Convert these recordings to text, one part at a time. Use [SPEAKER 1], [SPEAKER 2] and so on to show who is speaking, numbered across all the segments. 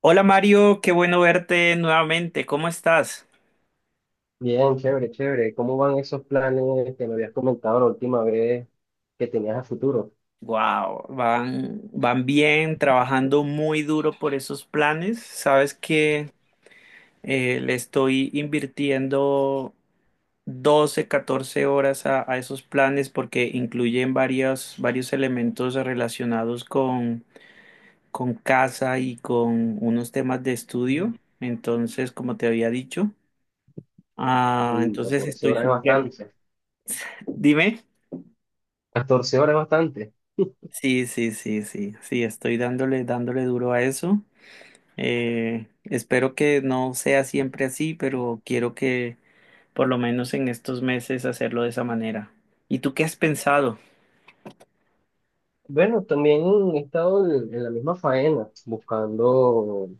[SPEAKER 1] Hola Mario, qué bueno verte nuevamente. ¿Cómo estás?
[SPEAKER 2] Bien, chévere, chévere. ¿Cómo van esos planes que me habías comentado la última vez que tenías a futuro?
[SPEAKER 1] Wow, van bien, trabajando muy duro por esos planes. Sabes que le estoy invirtiendo 12, 14 horas a esos planes porque incluyen varios elementos relacionados con casa y con unos temas de estudio.
[SPEAKER 2] Mm.
[SPEAKER 1] Entonces, como te había dicho,
[SPEAKER 2] Uy,
[SPEAKER 1] entonces
[SPEAKER 2] 14
[SPEAKER 1] estoy
[SPEAKER 2] horas es
[SPEAKER 1] supremo.
[SPEAKER 2] bastante.
[SPEAKER 1] Dime.
[SPEAKER 2] 14 horas es bastante.
[SPEAKER 1] Sí, sí, sí, sí, sí, estoy dándole duro a eso. Espero que no sea siempre así, pero quiero que por lo menos en estos meses hacerlo de esa manera. ¿Y tú qué has pensado?
[SPEAKER 2] Bueno, también he estado en la misma faena, buscando.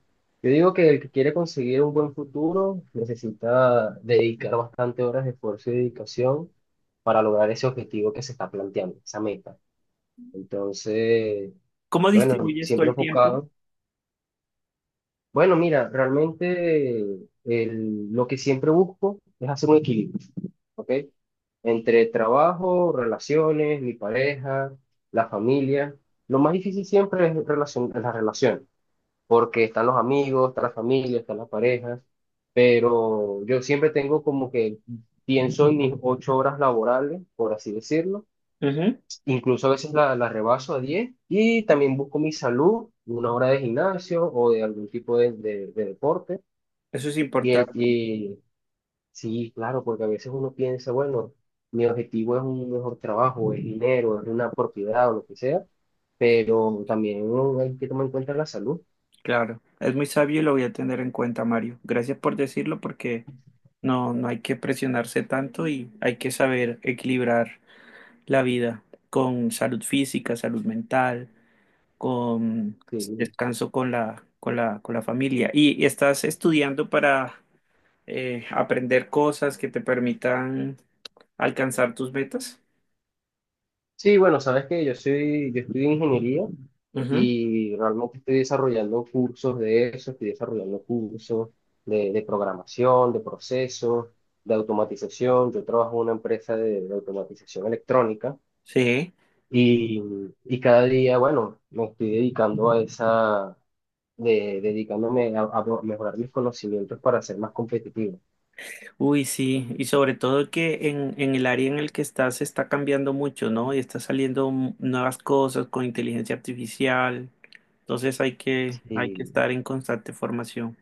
[SPEAKER 2] Yo digo que el que quiere conseguir un buen futuro necesita dedicar bastante horas de esfuerzo y dedicación para lograr ese objetivo que se está planteando, esa meta. Entonces,
[SPEAKER 1] ¿Cómo
[SPEAKER 2] bueno,
[SPEAKER 1] distribuyes todo
[SPEAKER 2] siempre
[SPEAKER 1] el tiempo?
[SPEAKER 2] enfocado. Bueno, mira, realmente lo que siempre busco es hacer un equilibrio, ¿ok? Entre trabajo, relaciones, mi pareja, la familia. Lo más difícil siempre es es la relación, porque están los amigos, está la familia, están las parejas, pero yo siempre tengo como que pienso en mis 8 horas laborales, por así decirlo,
[SPEAKER 1] Ujú.
[SPEAKER 2] incluso a veces la rebaso a 10, y también busco mi salud, una hora de gimnasio o de algún tipo de deporte
[SPEAKER 1] Eso es
[SPEAKER 2] y el,
[SPEAKER 1] importante,
[SPEAKER 2] y, sí, claro, porque a veces uno piensa, bueno, mi objetivo es un mejor trabajo, es dinero, es una propiedad o lo que sea, pero también uno hay que tomar en cuenta la salud.
[SPEAKER 1] claro. Es muy sabio y lo voy a tener en cuenta, Mario. Gracias por decirlo porque no, no hay que presionarse tanto y hay que saber equilibrar la vida con salud física, salud mental, con
[SPEAKER 2] Sí,
[SPEAKER 1] descanso, con con la familia. Y estás estudiando para aprender cosas que te permitan alcanzar tus metas.
[SPEAKER 2] sí, bueno, sabes que yo estudio ingeniería
[SPEAKER 1] Ujú.
[SPEAKER 2] y realmente estoy desarrollando cursos de eso, estoy desarrollando cursos de programación, de procesos, de automatización. Yo trabajo en una empresa de automatización electrónica.
[SPEAKER 1] Sí,
[SPEAKER 2] Y, y cada día, bueno, me estoy dedicando a esa, dedicándome a mejorar mis conocimientos para ser más competitivo.
[SPEAKER 1] uy, sí, y sobre todo que en el área en el que estás se está cambiando mucho, ¿no? Y está saliendo nuevas cosas con inteligencia artificial, entonces hay que
[SPEAKER 2] Y
[SPEAKER 1] estar en constante formación.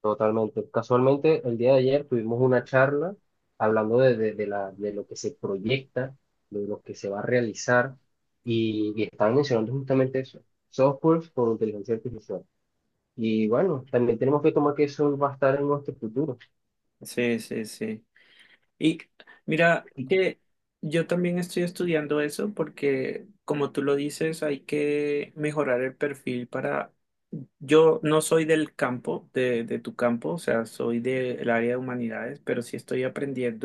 [SPEAKER 2] totalmente. Casualmente, el día de ayer tuvimos una charla hablando de lo que se proyecta, de lo que se va a realizar, y estaban mencionando justamente eso, software con inteligencia artificial. Y bueno, también tenemos que tomar que eso va a estar en nuestro futuro.
[SPEAKER 1] Sí, sí, sí. Y mira
[SPEAKER 2] Sí,
[SPEAKER 1] que yo también estoy estudiando eso porque, como tú lo dices, hay que mejorar el perfil para... Yo no soy del campo, de tu campo, o sea, soy del área de humanidades, pero sí estoy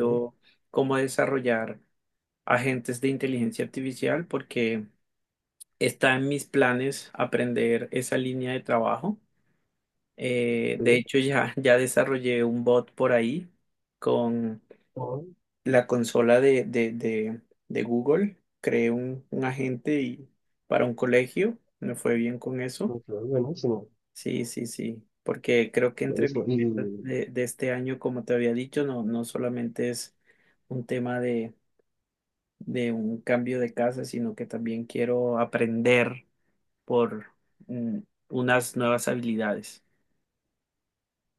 [SPEAKER 2] sí,
[SPEAKER 1] cómo desarrollar agentes de inteligencia artificial porque está en mis planes aprender esa línea de trabajo. De
[SPEAKER 2] sí,
[SPEAKER 1] hecho, ya desarrollé un bot por ahí con la consola de Google, creé un agente y para un colegio, me fue bien con
[SPEAKER 2] sí,
[SPEAKER 1] eso.
[SPEAKER 2] buenísimo.
[SPEAKER 1] Sí, sí, sí, porque creo que entre mis
[SPEAKER 2] Buenísimo.
[SPEAKER 1] metas de este año, como te había dicho, no, no solamente es un tema de un cambio de casa, sino que también quiero aprender por mm, unas nuevas habilidades.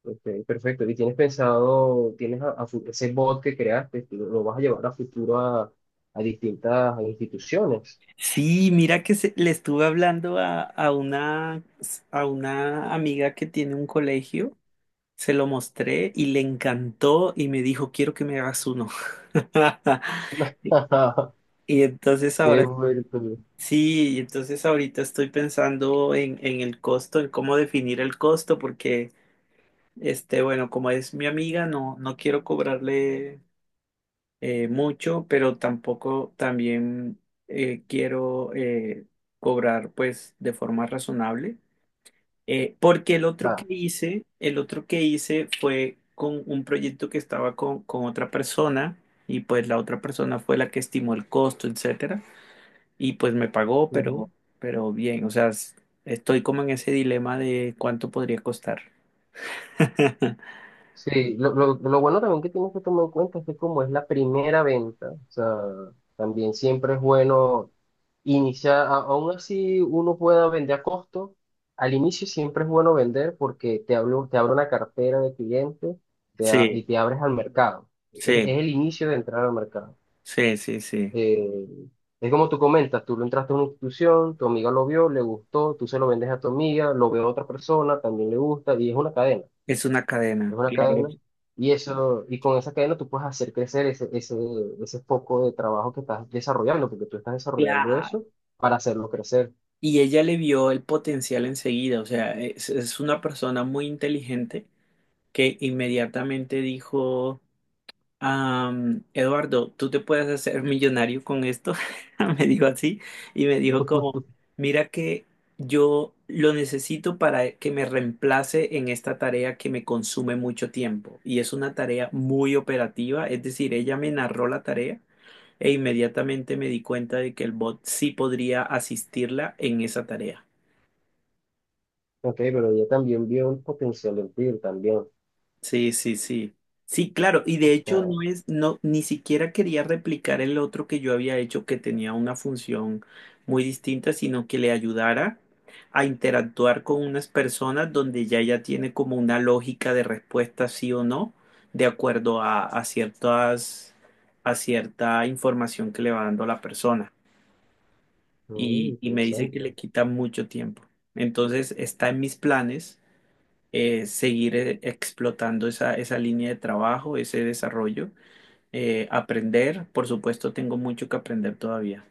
[SPEAKER 2] Ok, perfecto. ¿Y tienes pensado, tienes ese bot que creaste, lo vas a llevar a futuro a distintas instituciones?
[SPEAKER 1] Sí, mira que le estuve hablando a una amiga que tiene un colegio. Se lo mostré y le encantó y me dijo, quiero que me hagas uno. Y entonces
[SPEAKER 2] Qué
[SPEAKER 1] ahora,
[SPEAKER 2] bueno.
[SPEAKER 1] sí, y entonces ahorita estoy pensando en el costo, en cómo definir el costo, porque, este, bueno, como es mi amiga, no, no quiero cobrarle mucho, pero tampoco también quiero cobrar pues de forma razonable. Porque el otro que
[SPEAKER 2] Nada.
[SPEAKER 1] hice, el otro que hice fue con un proyecto que estaba con otra persona y pues la otra persona fue la que estimó el costo, etcétera, y pues me pagó, pero bien, o sea, estoy como en ese dilema de cuánto podría costar.
[SPEAKER 2] Sí, lo bueno también que tienes que tomar en cuenta es que como es la primera venta, o sea, también siempre es bueno iniciar, aún así uno pueda vender a costo, al inicio siempre es bueno vender porque te hablo, te abre una cartera de clientes y
[SPEAKER 1] Sí,
[SPEAKER 2] te abres al mercado. Es
[SPEAKER 1] sí,
[SPEAKER 2] el inicio de entrar al mercado.
[SPEAKER 1] sí, sí, sí.
[SPEAKER 2] Eh, es como tú comentas, tú lo entraste a una institución, tu amiga lo vio, le gustó, tú se lo vendes a tu amiga, lo ve a otra persona, también le gusta y
[SPEAKER 1] Es una
[SPEAKER 2] es
[SPEAKER 1] cadena.
[SPEAKER 2] una
[SPEAKER 1] Claro.
[SPEAKER 2] cadena, y eso, y con esa cadena tú puedes hacer crecer ese foco de trabajo que estás desarrollando, porque tú estás desarrollando
[SPEAKER 1] Claro.
[SPEAKER 2] eso para hacerlo crecer.
[SPEAKER 1] Y ella le vio el potencial enseguida, o sea, es una persona muy inteligente que inmediatamente dijo... Am, Eduardo, tú te puedes hacer millonario con esto, me dijo así, y me dijo como, mira que yo lo necesito para que me reemplace en esta tarea que me consume mucho tiempo, y es una tarea muy operativa, es decir, ella me narró la tarea e inmediatamente me di cuenta de que el bot sí podría asistirla en esa tarea.
[SPEAKER 2] Ok, pero ella también vio un potencial en ti también. O
[SPEAKER 1] Sí, sí, sí. Sí, claro, y de hecho
[SPEAKER 2] sea,
[SPEAKER 1] no es, no, ni siquiera quería replicar el otro que yo había hecho que tenía una función muy distinta, sino que le ayudara a interactuar con unas personas donde ya tiene como una lógica de respuesta sí o no, de acuerdo a ciertas, a cierta información que le va dando la persona.
[SPEAKER 2] mm,
[SPEAKER 1] Y me dice que
[SPEAKER 2] interesante.
[SPEAKER 1] le quita mucho tiempo. Entonces está en mis planes seguir explotando esa, esa línea de trabajo, ese desarrollo, aprender. Por supuesto, tengo mucho que aprender todavía.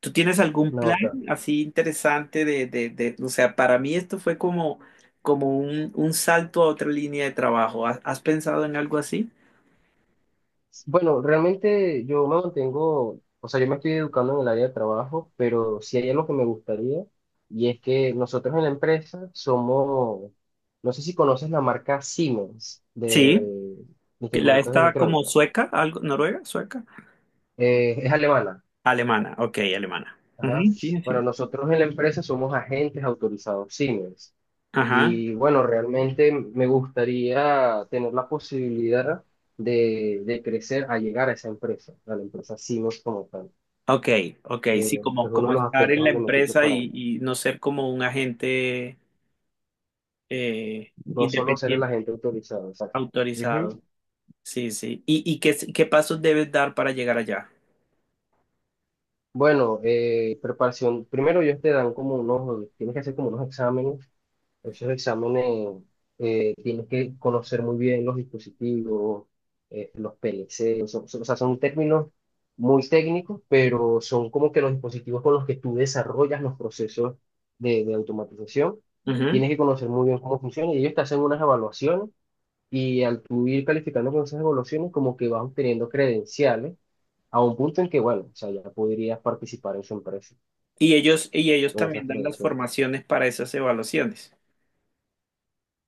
[SPEAKER 1] ¿Tú tienes algún
[SPEAKER 2] No,
[SPEAKER 1] plan
[SPEAKER 2] acá.
[SPEAKER 1] así interesante o sea, para mí esto fue como, como un salto a otra línea de trabajo. ¿Has, has pensado en algo así?
[SPEAKER 2] Bueno, realmente yo me mantengo, o sea, yo me estoy educando en el área de trabajo, pero sí hay algo que me gustaría, y es que nosotros en la empresa somos, no sé si conoces la marca Siemens
[SPEAKER 1] Sí,
[SPEAKER 2] de
[SPEAKER 1] que la
[SPEAKER 2] instrumentos de
[SPEAKER 1] está como
[SPEAKER 2] electrónica.
[SPEAKER 1] sueca, algo, noruega, sueca,
[SPEAKER 2] Es alemana.
[SPEAKER 1] alemana, ok, alemana. Ujú,
[SPEAKER 2] Ajá.
[SPEAKER 1] sí,
[SPEAKER 2] Bueno,
[SPEAKER 1] sí.
[SPEAKER 2] nosotros en la empresa somos agentes autorizados Siemens.
[SPEAKER 1] Ajá.
[SPEAKER 2] Y bueno, realmente me gustaría tener la posibilidad de crecer a llegar a esa empresa, a la empresa Siemens como tal.
[SPEAKER 1] Ok, ok, sí,
[SPEAKER 2] Eh,
[SPEAKER 1] como,
[SPEAKER 2] es uno de
[SPEAKER 1] como
[SPEAKER 2] los
[SPEAKER 1] estar
[SPEAKER 2] aspectos
[SPEAKER 1] en la
[SPEAKER 2] donde me estoy
[SPEAKER 1] empresa
[SPEAKER 2] preparando.
[SPEAKER 1] y no ser como un agente
[SPEAKER 2] No solo ser el
[SPEAKER 1] independiente,
[SPEAKER 2] agente autorizado, exacto. Ujú.
[SPEAKER 1] autorizado. Sí, sí. Y qué, qué pasos debes dar para llegar allá?
[SPEAKER 2] Bueno, preparación. Primero ellos te dan como unos, tienes que hacer como unos exámenes. Esos exámenes, tienes que conocer muy bien los dispositivos, los PLC, o sea, son términos muy técnicos, pero son como que los dispositivos con los que tú desarrollas los procesos de automatización.
[SPEAKER 1] Ujú.
[SPEAKER 2] Tienes que conocer muy bien cómo funciona y ellos te hacen unas evaluaciones y al tú ir calificando con esas evaluaciones como que vas obteniendo credenciales a un punto en que, bueno, o sea, ya podrías participar en su empresa
[SPEAKER 1] Y ellos
[SPEAKER 2] con esas
[SPEAKER 1] también dan las
[SPEAKER 2] credenciales.
[SPEAKER 1] formaciones para esas evaluaciones.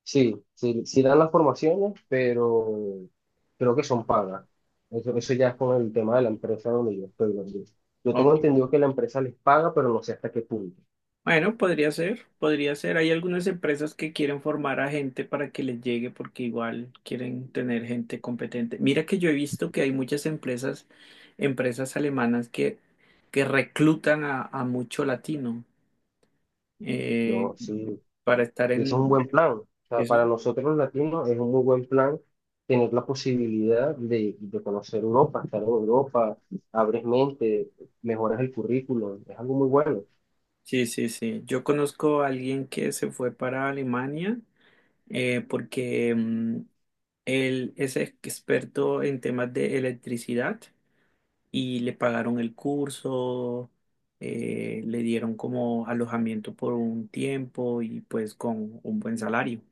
[SPEAKER 2] Sí, sí, sí dan las formaciones, pero creo que son pagas. Eso ya es con el tema de la empresa donde yo estoy. Yo
[SPEAKER 1] Ok.
[SPEAKER 2] tengo entendido que la empresa les paga, pero no sé hasta qué punto.
[SPEAKER 1] Bueno, podría ser, podría ser. Hay algunas empresas que quieren formar a gente para que les llegue porque igual quieren tener gente competente. Mira que yo he visto que hay muchas empresas, empresas alemanas que reclutan a mucho latino eh,
[SPEAKER 2] No, sí.
[SPEAKER 1] para estar
[SPEAKER 2] Y
[SPEAKER 1] en...
[SPEAKER 2] eso es un buen plan. O sea,
[SPEAKER 1] eso.
[SPEAKER 2] para nosotros los latinos es un muy buen plan tener la posibilidad de conocer Europa, estar en Europa, abres mente, mejoras el currículum. Es algo muy bueno.
[SPEAKER 1] Sí, sí, sí. Yo conozco a alguien que se fue para Alemania porque él es experto en temas de electricidad y le pagaron el curso, le dieron como alojamiento por un tiempo y pues con un buen salario.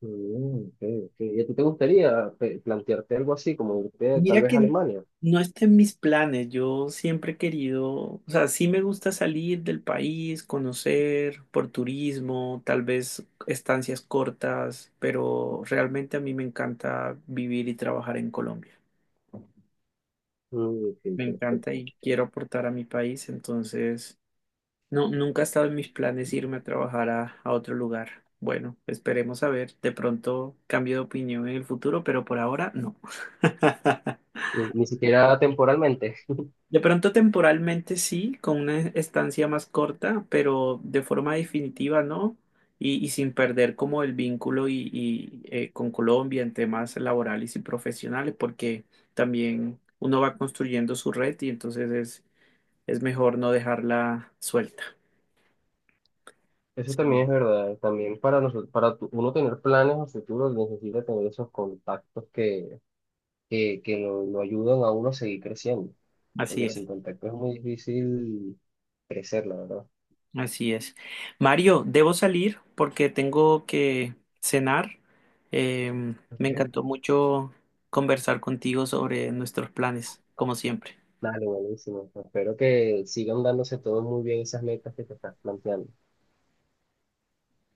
[SPEAKER 2] Mm, ok, ok. ¿Y a ti te gustaría plantearte algo así, como irte tal
[SPEAKER 1] Mira
[SPEAKER 2] vez a
[SPEAKER 1] que
[SPEAKER 2] Alemania?
[SPEAKER 1] no está en mis planes. Yo siempre he querido, o sea, sí me gusta salir del país, conocer por turismo, tal vez estancias cortas, pero realmente a mí me encanta vivir y trabajar en Colombia.
[SPEAKER 2] Mm, ok,
[SPEAKER 1] Me encanta
[SPEAKER 2] ok.
[SPEAKER 1] y quiero aportar a mi país, entonces no, nunca ha estado en mis planes irme a trabajar a otro lugar. Bueno, esperemos a ver. De pronto cambio de opinión en el futuro, pero por ahora no.
[SPEAKER 2] Ni, ni siquiera temporalmente.
[SPEAKER 1] De pronto temporalmente sí, con una estancia más corta, pero de forma definitiva no, y sin perder como el vínculo y, con Colombia en temas laborales y profesionales, porque también uno va construyendo su red y entonces es mejor no dejarla suelta.
[SPEAKER 2] Eso también
[SPEAKER 1] Sí,
[SPEAKER 2] es verdad. También para nosotros, para uno tener planes a futuro, necesita tener esos contactos que lo ayudan a uno a seguir creciendo.
[SPEAKER 1] así
[SPEAKER 2] Porque sin
[SPEAKER 1] es.
[SPEAKER 2] contacto es muy difícil crecer, la verdad.
[SPEAKER 1] Así es. Mario, debo salir porque tengo que cenar. Eh, Me
[SPEAKER 2] Okay.
[SPEAKER 1] encantó mucho conversar contigo sobre nuestros planes, como siempre.
[SPEAKER 2] Dale, buenísimo. Espero que sigan dándose todos muy bien esas metas que te estás planteando.